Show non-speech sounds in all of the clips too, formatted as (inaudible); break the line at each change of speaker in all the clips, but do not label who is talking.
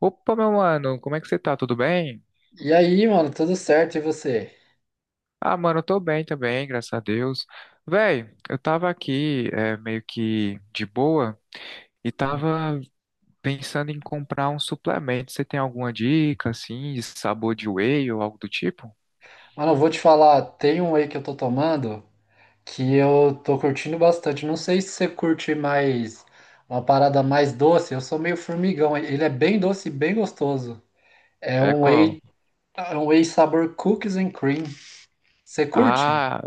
Opa, meu mano, como é que você tá? Tudo bem?
E aí, mano, tudo certo? E você?
Ah, mano, eu tô bem também, graças a Deus. Véi, eu tava aqui é, meio que de boa e tava pensando em comprar um suplemento. Você tem alguma dica, assim, de sabor de whey ou algo do tipo?
Mano, eu vou te falar, tem um whey que eu tô tomando que eu tô curtindo bastante. Não sei se você curte mais uma parada mais doce. Eu sou meio formigão. Ele é bem doce e bem gostoso. É
É
um
qual?
whey, é um whey sabor cookies and cream. Você curte?
Ah,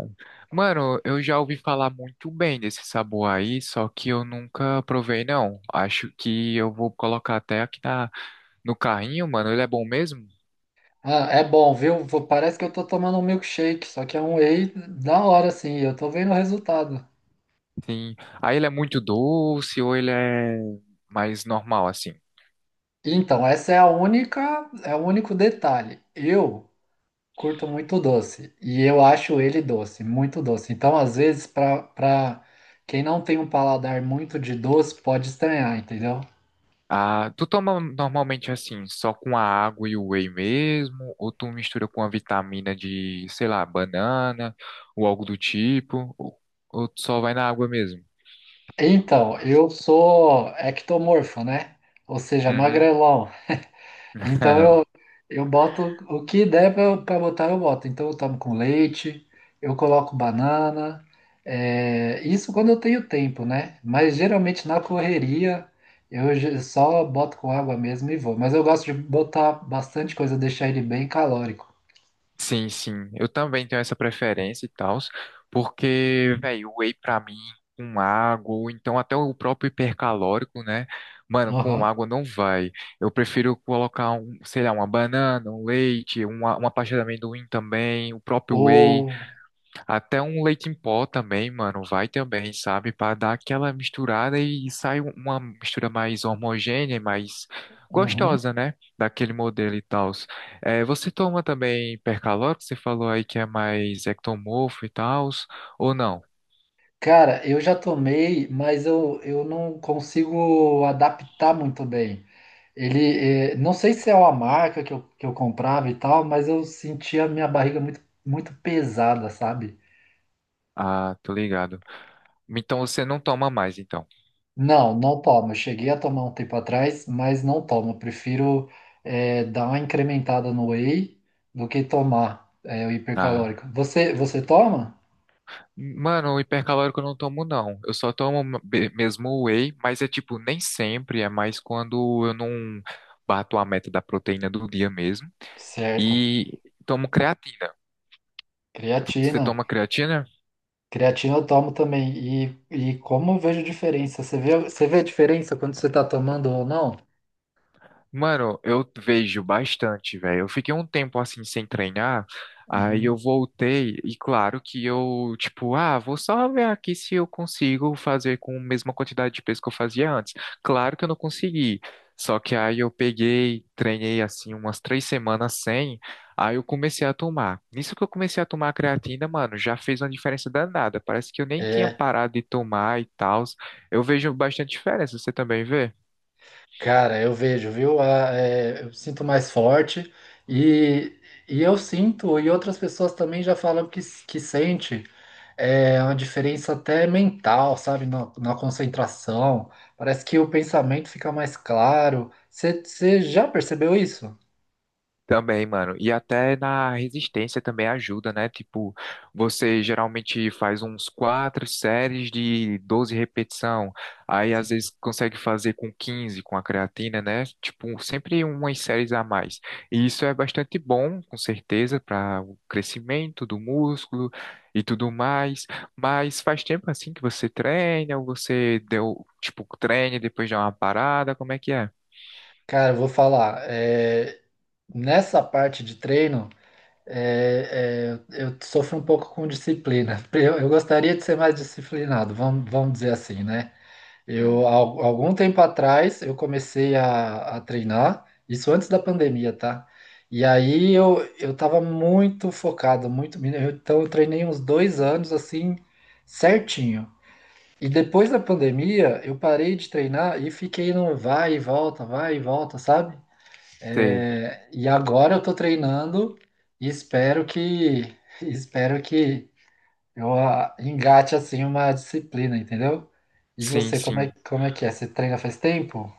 mano, eu já ouvi falar muito bem desse sabor aí, só que eu nunca provei, não. Acho que eu vou colocar até aqui no carrinho, mano. Ele é bom mesmo?
Ah, é bom, viu? Vou- Parece que eu tô tomando um milkshake, só que é um whey da hora, assim. Eu tô vendo o resultado.
Sim. Aí ele é muito doce ou ele é mais normal, assim?
Então, essa é a única, é o único detalhe. Eu curto muito doce e eu acho ele doce, muito doce. Então, às vezes, para quem não tem um paladar muito de doce, pode estranhar, entendeu?
Ah, tu toma normalmente assim, só com a água e o whey mesmo? Ou tu mistura com a vitamina de, sei lá, banana ou algo do tipo? Ou tu só vai na água mesmo?
Então, eu sou ectomorfo, né? Ou seja,
Uhum.
magrelão. Então eu,
(laughs)
eu boto o que der para botar, eu boto. Então eu tomo com leite, eu coloco banana. Isso quando eu tenho tempo, né? Mas geralmente na correria eu só boto com água mesmo e vou. Mas eu gosto de botar bastante coisa, deixar ele bem calórico.
Sim, sim. Eu também tenho essa preferência e tal, porque, velho, o whey pra mim, com água, ou então até o próprio hipercalórico, né? Mano, com
Aham.
água não vai. Eu prefiro colocar, um, sei lá, uma banana, um leite, uma pasta de amendoim também, o próprio whey.
Ou.
Até um leite em pó também, mano, vai também, sabe? Pra dar aquela misturada e sai uma mistura mais homogênea, e mais
Uhum.
gostosa, né? Daquele modelo e tal. É, você toma também percalórico? Você falou aí que é mais ectomorfo e tal, ou não?
Cara, eu já tomei, mas eu não consigo adaptar muito bem. Ele, não sei se é uma marca que eu comprava e tal, mas eu sentia a minha barriga muito, muito pesada, sabe?
Ah, tô ligado. Então você não toma mais, então.
Não, não tomo. Eu cheguei a tomar um tempo atrás, mas não tomo. Eu prefiro, dar uma incrementada no whey do que tomar, o
Ah.
hipercalórico. Você toma?
Mano, o hipercalórico eu não tomo, não. Eu só tomo be- mesmo o whey, mas é tipo, nem sempre, é mais quando eu não bato a meta da proteína do dia mesmo.
Certo.
E tomo creatina. Você
Creatina.
toma creatina?
Creatina eu tomo também. E como eu vejo diferença? Você vê a diferença quando você está tomando ou não?
Mano, eu vejo bastante, velho. Eu fiquei um tempo assim sem treinar, aí eu
Uhum.
voltei e claro que eu, tipo, ah, vou só ver aqui se eu consigo fazer com a mesma quantidade de peso que eu fazia antes. Claro que eu não consegui. Só que aí eu peguei, treinei assim umas três semanas sem, aí eu comecei a tomar. Nisso que eu comecei a tomar a creatina, mano, já fez uma diferença danada. Parece que eu nem tinha parado de tomar e tal. Eu vejo bastante diferença, você também vê?
Cara, eu vejo, viu? A- é, eu sinto mais forte e, e eu sinto, e outras pessoas também já falam que, s- que sente uma diferença até mental, sabe? Na, na concentração. Parece que o pensamento fica mais claro. Você já percebeu isso?
Também, mano. E até na resistência também ajuda, né? Tipo, você geralmente faz uns quatro séries de 12 repetição. Aí às
Sim.
vezes consegue fazer com 15 com a creatina, né? Tipo, sempre umas séries a mais. E isso é bastante bom, com certeza, para o crescimento do músculo e tudo mais. Mas faz tempo assim que você treina, ou você deu, tipo, treina e depois dá uma parada, como é que é?
Cara, eu vou falar. Nessa parte de treino, eu sofro um pouco com disciplina. (laughs) Eu gostaria de ser mais disciplinado, vamos dizer assim, né?
Hum,
Eu, algum tempo atrás, eu comecei a treinar, isso antes da pandemia, tá? E aí eu tava muito focado, muito. Então eu treinei uns dois anos assim, certinho. E depois da pandemia, eu parei de treinar e fiquei no vai e volta, sabe?
sei.
É, e agora eu tô treinando e espero que, (laughs) espero que eu ah, engate assim uma disciplina, entendeu? E
Sim,
você, como é,
sim.
como é que é? Você treina faz tempo?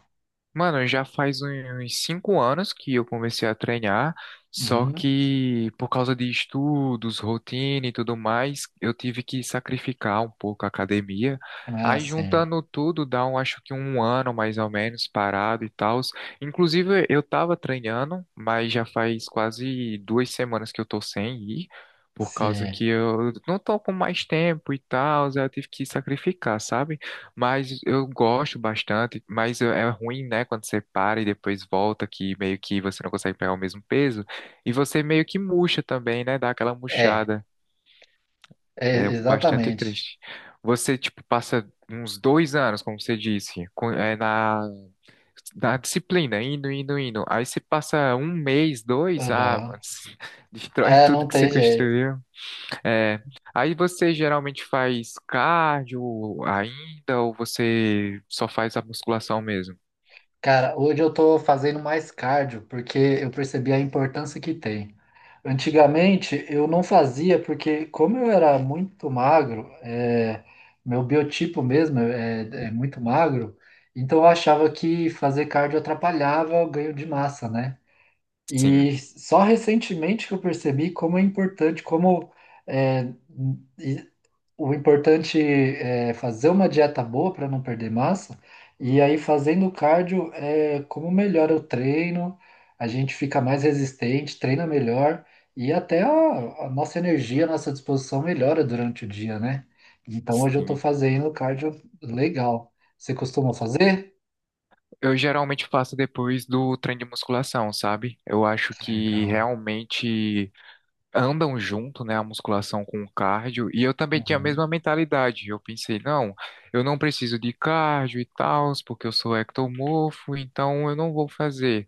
Mano, já faz uns 5 anos que eu comecei a treinar, só
Uhum.
que por causa de estudos, rotina e tudo mais, eu tive que sacrificar um pouco a academia.
Ah,
Aí
sim.
juntando tudo, dá um, acho que um ano mais ou menos parado e tal. Inclusive, eu tava treinando, mas já faz quase 2 semanas que eu tô sem ir, por causa
Sim.
que eu não tô com mais tempo e tal, aí eu tive que sacrificar, sabe? Mas eu gosto bastante, mas é ruim, né, quando você para e depois volta, que meio que você não consegue pegar o mesmo peso, e você meio que murcha também, né, dá aquela
É,
murchada,
é
é bastante
exatamente.
triste. Você, tipo, passa uns 2 anos, como você disse, na disciplina, indo, indo, indo, aí você passa um mês, dois, ah,
Aham.
mano, (laughs) destrói
É,
tudo
não
que você
tem jeito.
construiu. É, aí você geralmente faz cardio ainda ou você só faz a musculação mesmo?
Cara, hoje eu tô fazendo mais cardio porque eu percebi a importância que tem. Antigamente eu não fazia porque, como eu era muito magro, é, meu biotipo mesmo é muito magro, então eu achava que fazer cardio atrapalhava o ganho de massa, né?
Sim,
E só recentemente que eu percebi como é importante, é, o importante é fazer uma dieta boa para não perder massa, e aí fazendo cardio, como melhora o treino, a gente fica mais resistente, treina melhor, e até a nossa energia, a nossa disposição melhora durante o dia, né? Então hoje eu estou
sim.
fazendo cardio legal. Você costuma fazer?
Eu geralmente faço depois do treino de musculação, sabe? Eu acho que
Legal.
realmente andam junto, né, a musculação com o cardio. E eu também tinha a
Uhum.
mesma mentalidade. Eu pensei, não, eu não preciso de cardio e tal, porque eu sou ectomorfo, então eu não vou fazer.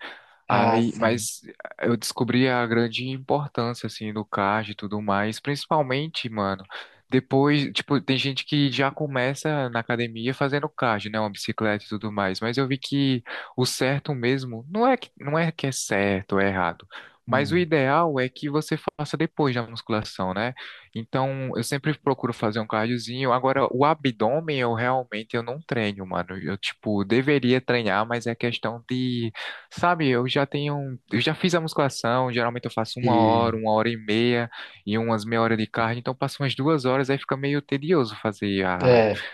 Ah,
Aí,
sim.
mas eu descobri a grande importância, assim, do card e tudo mais, principalmente, mano, depois, tipo, tem gente que já começa na academia fazendo card, né, uma bicicleta e tudo mais, mas eu vi que o certo mesmo, não é que é certo ou é errado, mas o
Hum.
ideal é que você faça depois da musculação, né? Então, eu sempre procuro fazer um cardiozinho, agora, o abdômen eu realmente eu não treino, mano, eu, tipo, deveria treinar, mas é questão de sabe, eu já tenho, um, eu já fiz a musculação, geralmente eu faço uma
E,
hora, 1 hora e meia e umas meia hora de cardio, então passo umas 2 horas, aí fica meio tedioso fazer
é,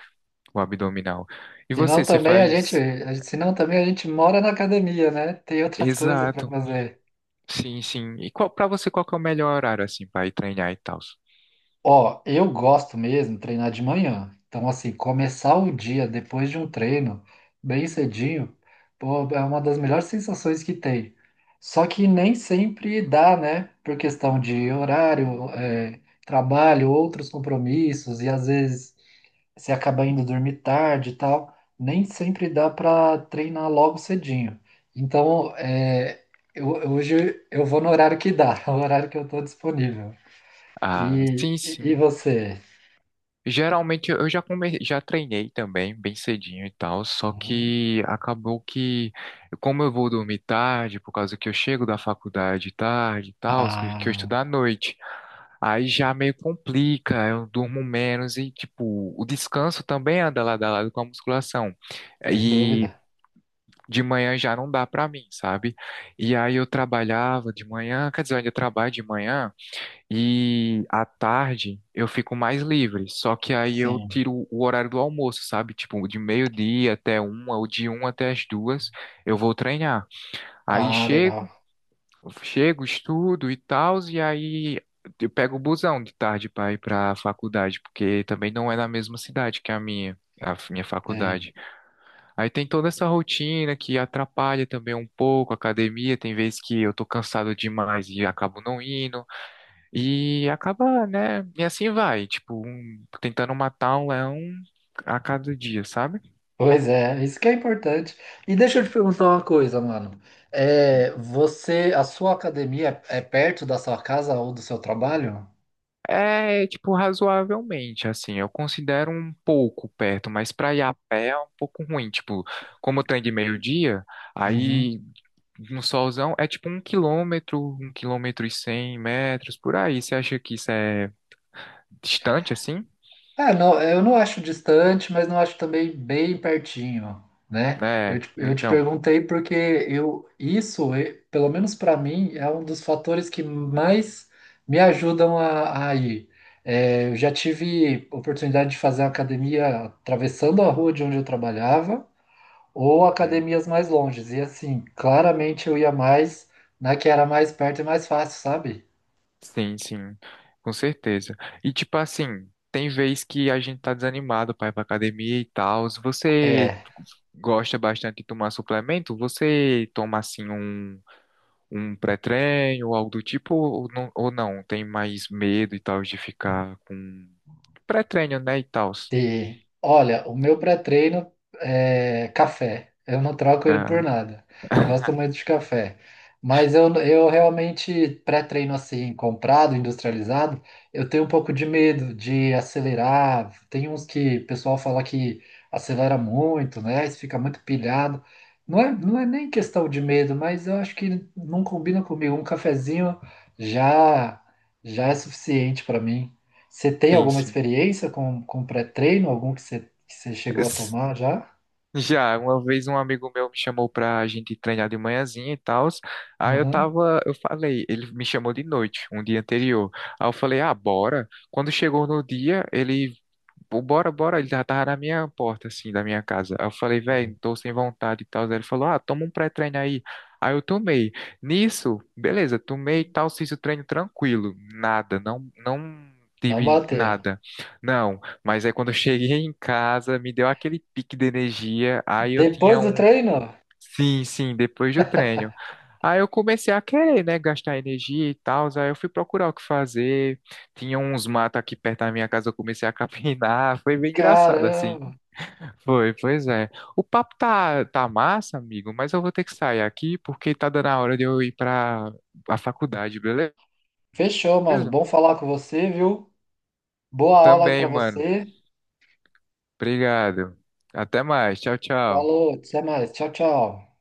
o abdominal. E
Senão
você, você
também a gente,
faz?
senão também a gente mora na academia, né? Tem outras coisas para
Exato,
fazer.
sim, sim. E qual, para você, qual que é o melhor horário, assim, para ir treinar e tal?
Ó, eu gosto mesmo de treinar de manhã. Então, assim, começar o dia depois de um treino, bem cedinho, pô, é uma das melhores sensações que tem. Só que nem sempre dá, né? Por questão de horário, trabalho, outros compromissos, e às vezes você acaba indo dormir tarde e tal. Nem sempre dá para treinar logo cedinho. Então, eu, hoje eu vou no horário que dá, (laughs) no horário que eu estou disponível.
Ah,
E,
sim,
e
sim.
você?
Geralmente eu já treinei também, bem cedinho e tal, só
Hum.
que acabou que, como eu vou dormir tarde, por causa que eu chego da faculdade tarde e tal, que eu
Ah,
estudo à noite, aí já meio complica, eu durmo menos e, tipo, o descanso também anda lado a lado com a musculação.
sem
E
dúvida.
de manhã já não dá pra mim, sabe? E aí eu trabalhava de manhã, quer dizer, eu ainda trabalho de manhã. E à tarde eu fico mais livre, só que aí eu
Sim.
tiro o horário do almoço, sabe? Tipo, de meio-dia até uma, ou de uma até as duas, eu vou treinar. Aí
Ah, legal.
chego, chego, estudo e tal, e aí eu pego o busão de tarde para ir para a faculdade, porque também não é na mesma cidade que a minha. A minha
É.
faculdade. Aí tem toda essa rotina que atrapalha também um pouco a academia. Tem vezes que eu tô cansado demais e acabo não indo. E acaba, né? E assim vai, tipo, um, tentando matar um leão a cada dia, sabe?
Pois é, isso que é importante. E deixa eu te perguntar uma coisa, mano.
Hum.
É, você, a sua academia é perto da sua casa ou do seu trabalho?
É, tipo, razoavelmente, assim, eu considero um pouco perto, mas pra ir a pé é um pouco ruim, tipo, como tem de meio-dia,
Uhum.
aí no solzão é tipo 1 quilômetro, 1 quilômetro e 100 metros, por aí, você acha que isso é distante, assim?
Ah, não, eu não acho distante, mas não acho também bem pertinho, né? Eu
É,
te, eu te
então...
perguntei porque eu, isso, pelo menos para mim, é um dos fatores que mais me ajudam a ir. Eu já tive oportunidade de fazer academia atravessando a rua de onde eu trabalhava, ou
hum.
academias mais longes. E assim, claramente eu ia mais na que era mais perto e mais fácil, sabe?
Sim, sim, com certeza. E tipo assim, tem vez que a gente tá desanimado para ir pra academia e tal. Se você
É.
gosta bastante de tomar suplemento, você toma assim um, um pré-treino ou algo do tipo, ou não, ou não? Tem mais medo e tal de ficar com pré-treino, né, e tal.
E, olha, o meu pré-treino é café. Eu não troco ele por
Ah,
nada. Gosto muito de café. Mas eu realmente, pré-treino assim, comprado, industrializado, eu tenho um pouco de medo de acelerar. Tem uns que o pessoal fala que acelera muito, né? Isso fica muito pilhado. Não é nem questão de medo, mas eu acho que não combina comigo. Um cafezinho já, já é suficiente para mim. Você tem
tem
alguma
(laughs)
experiência com pré-treino? Algum que você chegou a
sim.
tomar já?
Já, uma vez um amigo meu me chamou pra gente treinar de manhãzinha e tal. Aí eu
Uhum.
tava, eu falei, ele me chamou de noite, um dia anterior. Aí eu falei, ah, bora. Quando chegou no dia, ele pô, bora, bora. Ele já tava na minha porta, assim, da minha casa. Aí eu falei, velho, tô sem vontade e tal. Aí ele falou, ah, toma um pré-treino aí. Aí eu tomei. Nisso, beleza, tomei e tal, fiz o treino tranquilo. Nada, não
Não
tive
bateu.
nada. Não, mas aí quando eu (laughs) cheguei em casa, me deu aquele pique de energia. Aí eu
Depois
tinha
do
um,
treino?
sim, sim, depois do treino. Aí eu comecei a querer, né, gastar energia e tal. Aí eu fui procurar o que fazer. Tinha uns matos aqui perto da minha casa, eu comecei a capinar. (laughs) Foi bem engraçado, assim.
Caramba.
Foi, pois é. O papo tá, tá massa, amigo, mas eu vou ter que sair aqui porque tá dando a hora de eu ir pra a faculdade, beleza?
Fechou, mano. Bom falar com você, viu? Boa aula aí
Também,
pra
mano.
você.
Obrigado. Até mais. Tchau, tchau.
Falou, até mais. Tchau, tchau.